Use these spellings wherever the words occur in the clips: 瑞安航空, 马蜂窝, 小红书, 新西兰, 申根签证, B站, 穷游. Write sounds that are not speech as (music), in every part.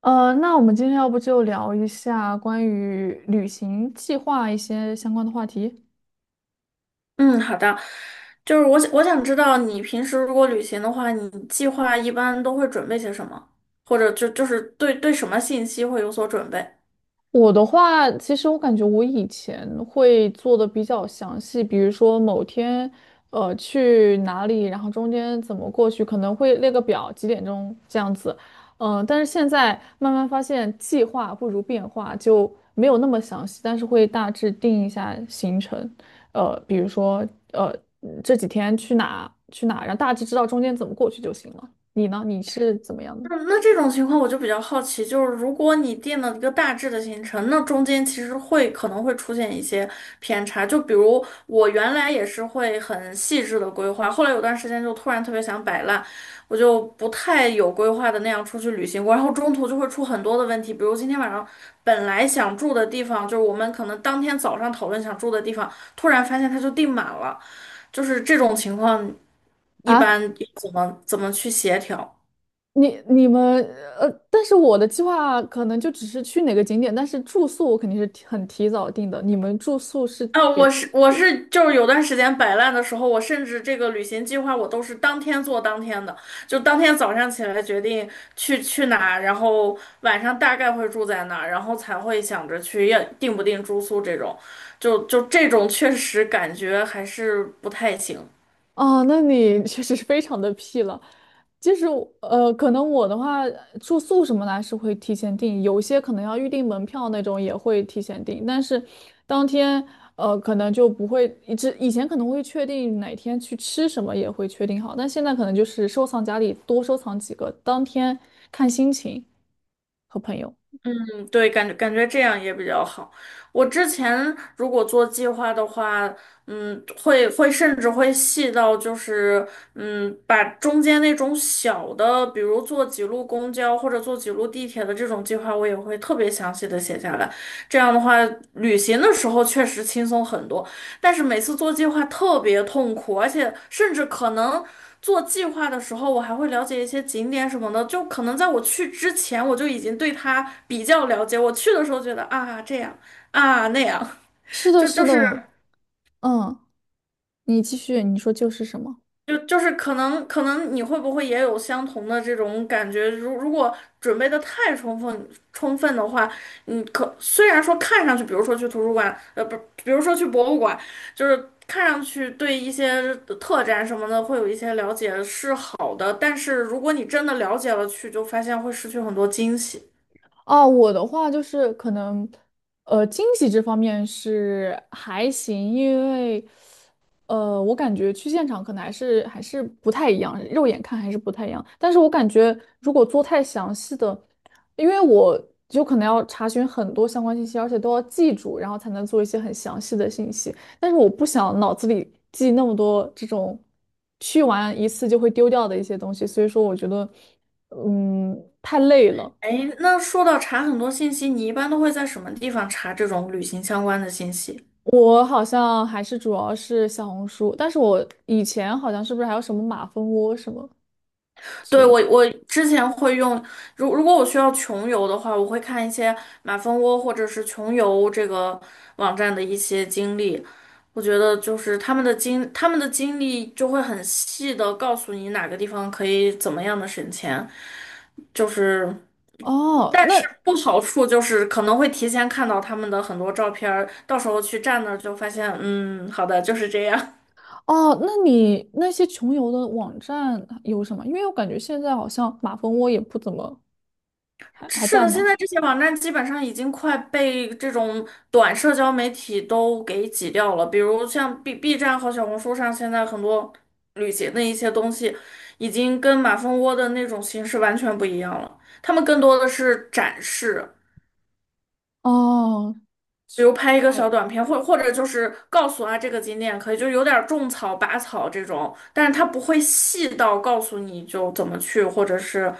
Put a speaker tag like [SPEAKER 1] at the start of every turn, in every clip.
[SPEAKER 1] 那我们今天要不就聊一下关于旅行计划一些相关的话题。
[SPEAKER 2] 嗯，好的，就是我想知道你平时如果旅行的话，你计划一般都会准备些什么，或者就是对什么信息会有所准备？
[SPEAKER 1] 我的话，其实我感觉我以前会做的比较详细，比如说某天，去哪里，然后中间怎么过去，可能会列个表，几点钟这样子。嗯，但是现在慢慢发现计划不如变化，就没有那么详细，但是会大致定一下行程。比如说，呃，这几天去哪去哪，然后大致知道中间怎么过去就行了。你呢？你是怎么样的？
[SPEAKER 2] 嗯，那这种情况我就比较好奇，就是如果你定了一个大致的行程，那中间其实会可能会出现一些偏差。就比如我原来也是会很细致的规划，后来有段时间就突然特别想摆烂，我就不太有规划的那样出去旅行过，然后中途就会出很多的问题，比如今天晚上本来想住的地方，就是我们可能当天早上讨论想住的地方，突然发现它就订满了，就是这种情况，一般
[SPEAKER 1] 啊，
[SPEAKER 2] 怎么去协调？
[SPEAKER 1] 你们但是我的计划可能就只是去哪个景点，但是住宿我肯定是提早定的。你们住宿是
[SPEAKER 2] 啊，
[SPEAKER 1] 也
[SPEAKER 2] 我是就是有段时间摆烂的时候，我甚至这个旅行计划我都是当天做当天的，就当天早上起来决定去哪，然后晚上大概会住在哪，然后才会想着去要定不定住宿这种，就这种确实感觉还是不太行。
[SPEAKER 1] 啊，那你 (laughs) 确实是非常的屁了。就是可能我的话，住宿什么的还是会提前订，有些可能要预订门票那种也会提前订，但是当天可能就不会，一直以前可能会确定哪天去吃什么也会确定好，但现在可能就是收藏夹里多收藏几个，当天看心情和朋友。
[SPEAKER 2] 嗯，对，感觉这样也比较好。我之前如果做计划的话，会甚至会细到就是，把中间那种小的，比如坐几路公交或者坐几路地铁的这种计划，我也会特别详细的写下来。这样的话，旅行的时候确实轻松很多，但是每次做计划特别痛苦，而且甚至可能。做计划的时候，我还会了解一些景点什么的，就可能在我去之前，我就已经对它比较了解。我去的时候觉得啊这样啊那样，
[SPEAKER 1] 是的，
[SPEAKER 2] 就
[SPEAKER 1] 是
[SPEAKER 2] 就是
[SPEAKER 1] 的，嗯，你继续，你说就是什么？
[SPEAKER 2] 就是可能你会不会也有相同的这种感觉？如如果准备的太充分的话，你可虽然说看上去，比如说去图书馆，不，比如说去博物馆，就是看上去对一些特展什么的会有一些了解是好的，但是如果你真的了解了去，就发现会失去很多惊喜。
[SPEAKER 1] 啊，我的话就是可能，惊喜这方面是还行，因为我感觉去现场可能还是不太一样，肉眼看还是不太一样。但是我感觉如果做太详细的，因为我就可能要查询很多相关信息，而且都要记住，然后才能做一些很详细的信息。但是我不想脑子里记那么多这种去完一次就会丢掉的一些东西，所以说我觉得，嗯，太累了。
[SPEAKER 2] 哎，那说到查很多信息，你一般都会在什么地方查这种旅行相关的信息？
[SPEAKER 1] 我好像还是主要是小红书，但是我以前好像是不是还有什么马蜂窝什么？之
[SPEAKER 2] 对，
[SPEAKER 1] 类的。
[SPEAKER 2] 我之前会用，如果我需要穷游的话，我会看一些马蜂窝或者是穷游这个网站的一些经历。我觉得就是他们的经历就会很细的告诉你哪个地方可以怎么样的省钱，就是，
[SPEAKER 1] 哦，
[SPEAKER 2] 但
[SPEAKER 1] 那
[SPEAKER 2] 是不好处就是可能会提前看到他们的很多照片儿，到时候去站那儿就发现，嗯，好的，就是这样。
[SPEAKER 1] 哦，那你那些穷游的网站有什么？因为我感觉现在好像马蜂窝也不怎么还还
[SPEAKER 2] 是
[SPEAKER 1] 在
[SPEAKER 2] 的，现
[SPEAKER 1] 吗？
[SPEAKER 2] 在这些网站基本上已经快被这种短社交媒体都给挤掉了，比如像 B B 站和小红书上，现在很多旅行的一些东西，已经跟马蜂窝的那种形式完全不一样了。他们更多的是展示，
[SPEAKER 1] 哦，
[SPEAKER 2] 比
[SPEAKER 1] 去
[SPEAKER 2] 如拍一个
[SPEAKER 1] 对，
[SPEAKER 2] 小短片，或者就是告诉啊这个景点可以，就有点儿种草、拔草这种，但是它不会细到告诉你就怎么去，或者是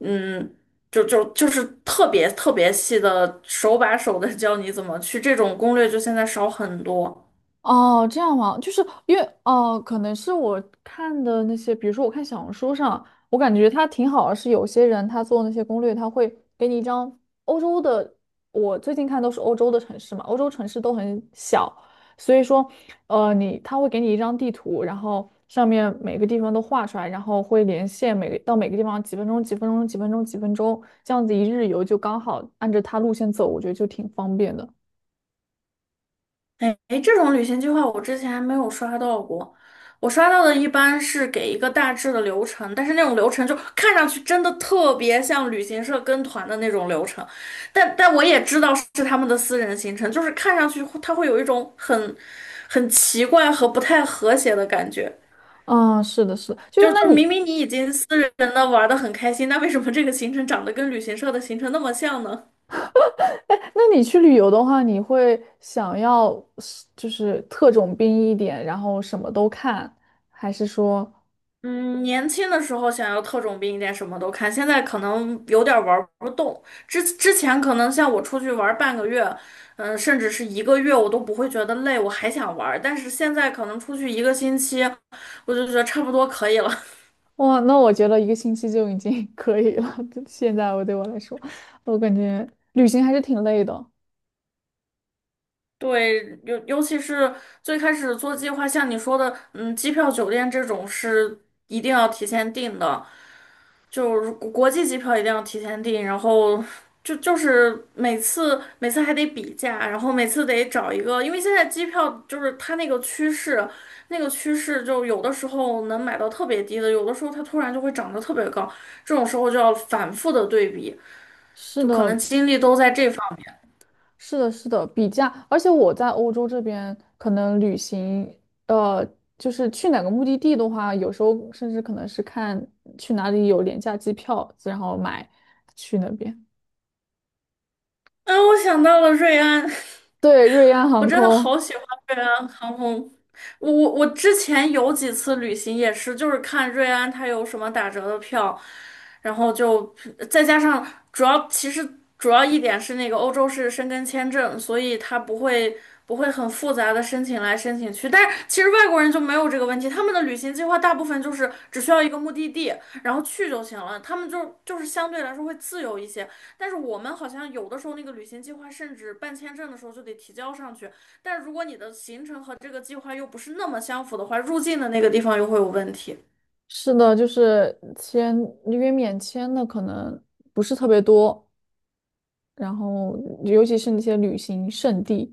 [SPEAKER 2] 嗯，就是特别细的手把手的教你怎么去，这种攻略就现在少很多。
[SPEAKER 1] 哦，这样吗？就是因为哦，可能是我看的那些，比如说我看小红书上，我感觉它挺好的，是有些人他做那些攻略，他会给你一张欧洲的，我最近看都是欧洲的城市嘛，欧洲城市都很小，所以说，你他会给你一张地图，然后上面每个地方都画出来，然后会连线每个到每个地方几分钟、几分钟、几分钟、几分钟，这样子一日游就刚好按着它路线走，我觉得就挺方便的。
[SPEAKER 2] 哎，诶这种旅行计划我之前还没有刷到过，我刷到的一般是给一个大致的流程，但是那种流程就看上去真的特别像旅行社跟团的那种流程，但我也知道是他们的私人行程，就是看上去会它会有一种很奇怪和不太和谐的感觉，
[SPEAKER 1] 啊，是的，是的，就是
[SPEAKER 2] 就
[SPEAKER 1] 那
[SPEAKER 2] 就明
[SPEAKER 1] 你
[SPEAKER 2] 明你已经私人的玩的很开心，那为什么这个行程长得跟旅行社的行程那么像呢？
[SPEAKER 1] 那你去旅游的话，你会想要是就是特种兵一点，然后什么都看，还是说，
[SPEAKER 2] 嗯，年轻的时候想要特种兵一点，什么都看。现在可能有点玩不动。之前可能像我出去玩半个月，嗯，甚至是一个月，我都不会觉得累，我还想玩。但是现在可能出去一个星期，我就觉得差不多可以了。
[SPEAKER 1] 哇，那我觉得一个星期就已经 (laughs) 可以了。就现在我对我来说，我感觉旅行还是挺累的。
[SPEAKER 2] 对，尤其是最开始做计划，像你说的，嗯，机票、酒店这种是一定要提前订的，就是国际机票一定要提前订，然后就是每次还得比价，然后每次得找一个，因为现在机票就是它那个趋势，那个趋势就有的时候能买到特别低的，有的时候它突然就会涨得特别高，这种时候就要反复的对比，
[SPEAKER 1] 是
[SPEAKER 2] 就可能
[SPEAKER 1] 的，
[SPEAKER 2] 精力都在这方面。
[SPEAKER 1] 是的，是的，比价，而且我在欧洲这边可能旅行，呃，就是去哪个目的地的话，有时候甚至可能是看去哪里有廉价机票，然后买去那边。
[SPEAKER 2] 哎，我想到了瑞安。(laughs)
[SPEAKER 1] 对，瑞安
[SPEAKER 2] 我
[SPEAKER 1] 航
[SPEAKER 2] 真的
[SPEAKER 1] 空。
[SPEAKER 2] 好喜欢瑞安航空。我之前有几次旅行也是，就是看瑞安它有什么打折的票，然后就再加上主要其实主要一点是那个欧洲是申根签证，所以它不会很复杂的申请来申请去。但是其实外国人就没有这个问题，他们的旅行计划大部分就是只需要一个目的地，然后去就行了，他们就是相对来说会自由一些。但是我们好像有的时候那个旅行计划，甚至办签证的时候就得提交上去。但如果你的行程和这个计划又不是那么相符的话，入境的那个地方又会有问题。
[SPEAKER 1] 是的，就是签，因为免签的可能不是特别多，然后尤其是那些旅行胜地，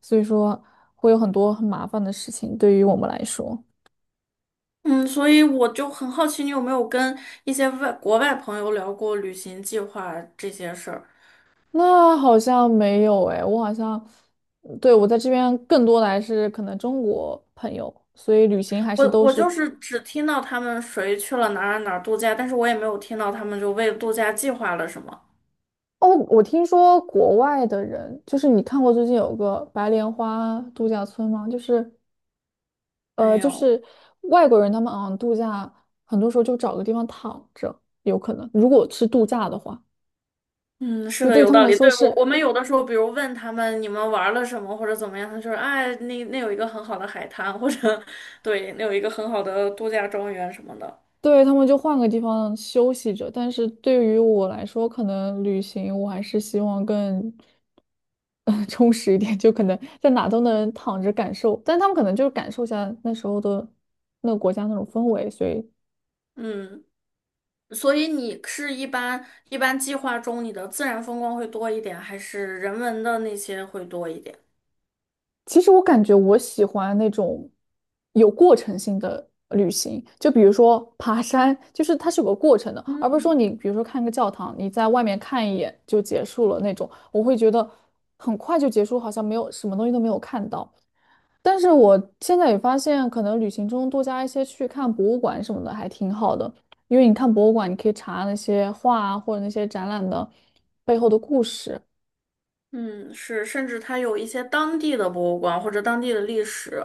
[SPEAKER 1] 所以说会有很多很麻烦的事情对于我们来说。
[SPEAKER 2] 嗯，所以我就很好奇，你有没有跟一些外国外朋友聊过旅行计划这些事儿？
[SPEAKER 1] 那好像没有诶，我好像，对，我在这边更多的还是可能中国朋友，所以旅行还
[SPEAKER 2] 我
[SPEAKER 1] 是都
[SPEAKER 2] 我
[SPEAKER 1] 是。
[SPEAKER 2] 就是只听到他们谁去了哪儿度假，但是我也没有听到他们就为度假计划了什么。
[SPEAKER 1] 哦，我听说国外的人，就是你看过最近有个白莲花度假村吗？就是。
[SPEAKER 2] 没
[SPEAKER 1] 就
[SPEAKER 2] 有。
[SPEAKER 1] 是外国人他们好像度假，很多时候就找个地方躺着，有可能。如果是度假的话，
[SPEAKER 2] 嗯，是
[SPEAKER 1] 就
[SPEAKER 2] 的，
[SPEAKER 1] 对于
[SPEAKER 2] 有
[SPEAKER 1] 他们
[SPEAKER 2] 道
[SPEAKER 1] 来
[SPEAKER 2] 理。
[SPEAKER 1] 说
[SPEAKER 2] 对，我我
[SPEAKER 1] 是，
[SPEAKER 2] 们有的时候，比如问他们你们玩了什么或者怎么样，他说，哎，那有一个很好的海滩，或者对，那有一个很好的度假庄园什么的。
[SPEAKER 1] 对他们就换个地方休息着。但是对于我来说，可能旅行我还是希望更，(laughs) 充实一点，就可能在哪都能躺着感受。但他们可能就是感受一下那时候的那个国家那种氛围，所以
[SPEAKER 2] 嗯，所以你是一般计划中你的自然风光会多一点，还是人文的那些会多一点？
[SPEAKER 1] 其实我感觉我喜欢那种有过程性的旅行，就比如说爬山，就是它是有个过程的，而不是说
[SPEAKER 2] 嗯。
[SPEAKER 1] 你比如说看个教堂，你在外面看一眼就结束了那种，我会觉得很快就结束，好像没有什么东西都没有看到。但是我现在也发现，可能旅行中多加一些去看博物馆什么的还挺好的，因为你看博物馆，你可以查那些画啊或者那些展览的背后的故事。
[SPEAKER 2] 嗯，是，甚至它有一些当地的博物馆或者当地的历史，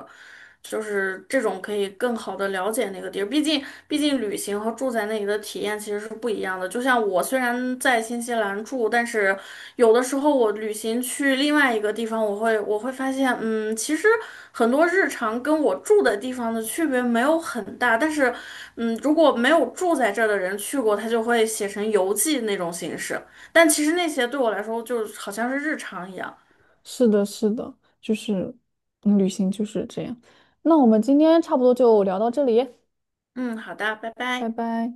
[SPEAKER 2] 就是这种可以更好的了解那个地儿。毕竟旅行和住在那里的体验其实是不一样的。就像我虽然在新西兰住，但是有的时候我旅行去另外一个地方，我会发现，嗯，其实很多日常跟我住的地方的区别没有很大。但是，嗯，如果没有住在这儿的人去过，他就会写成游记那种形式。但其实那些对我来说，就是好像是日常一样。
[SPEAKER 1] 是的，是的，就是嗯旅行就是这样。那我们今天差不多就聊到这里，
[SPEAKER 2] 嗯，好的，拜
[SPEAKER 1] 拜
[SPEAKER 2] 拜。
[SPEAKER 1] 拜。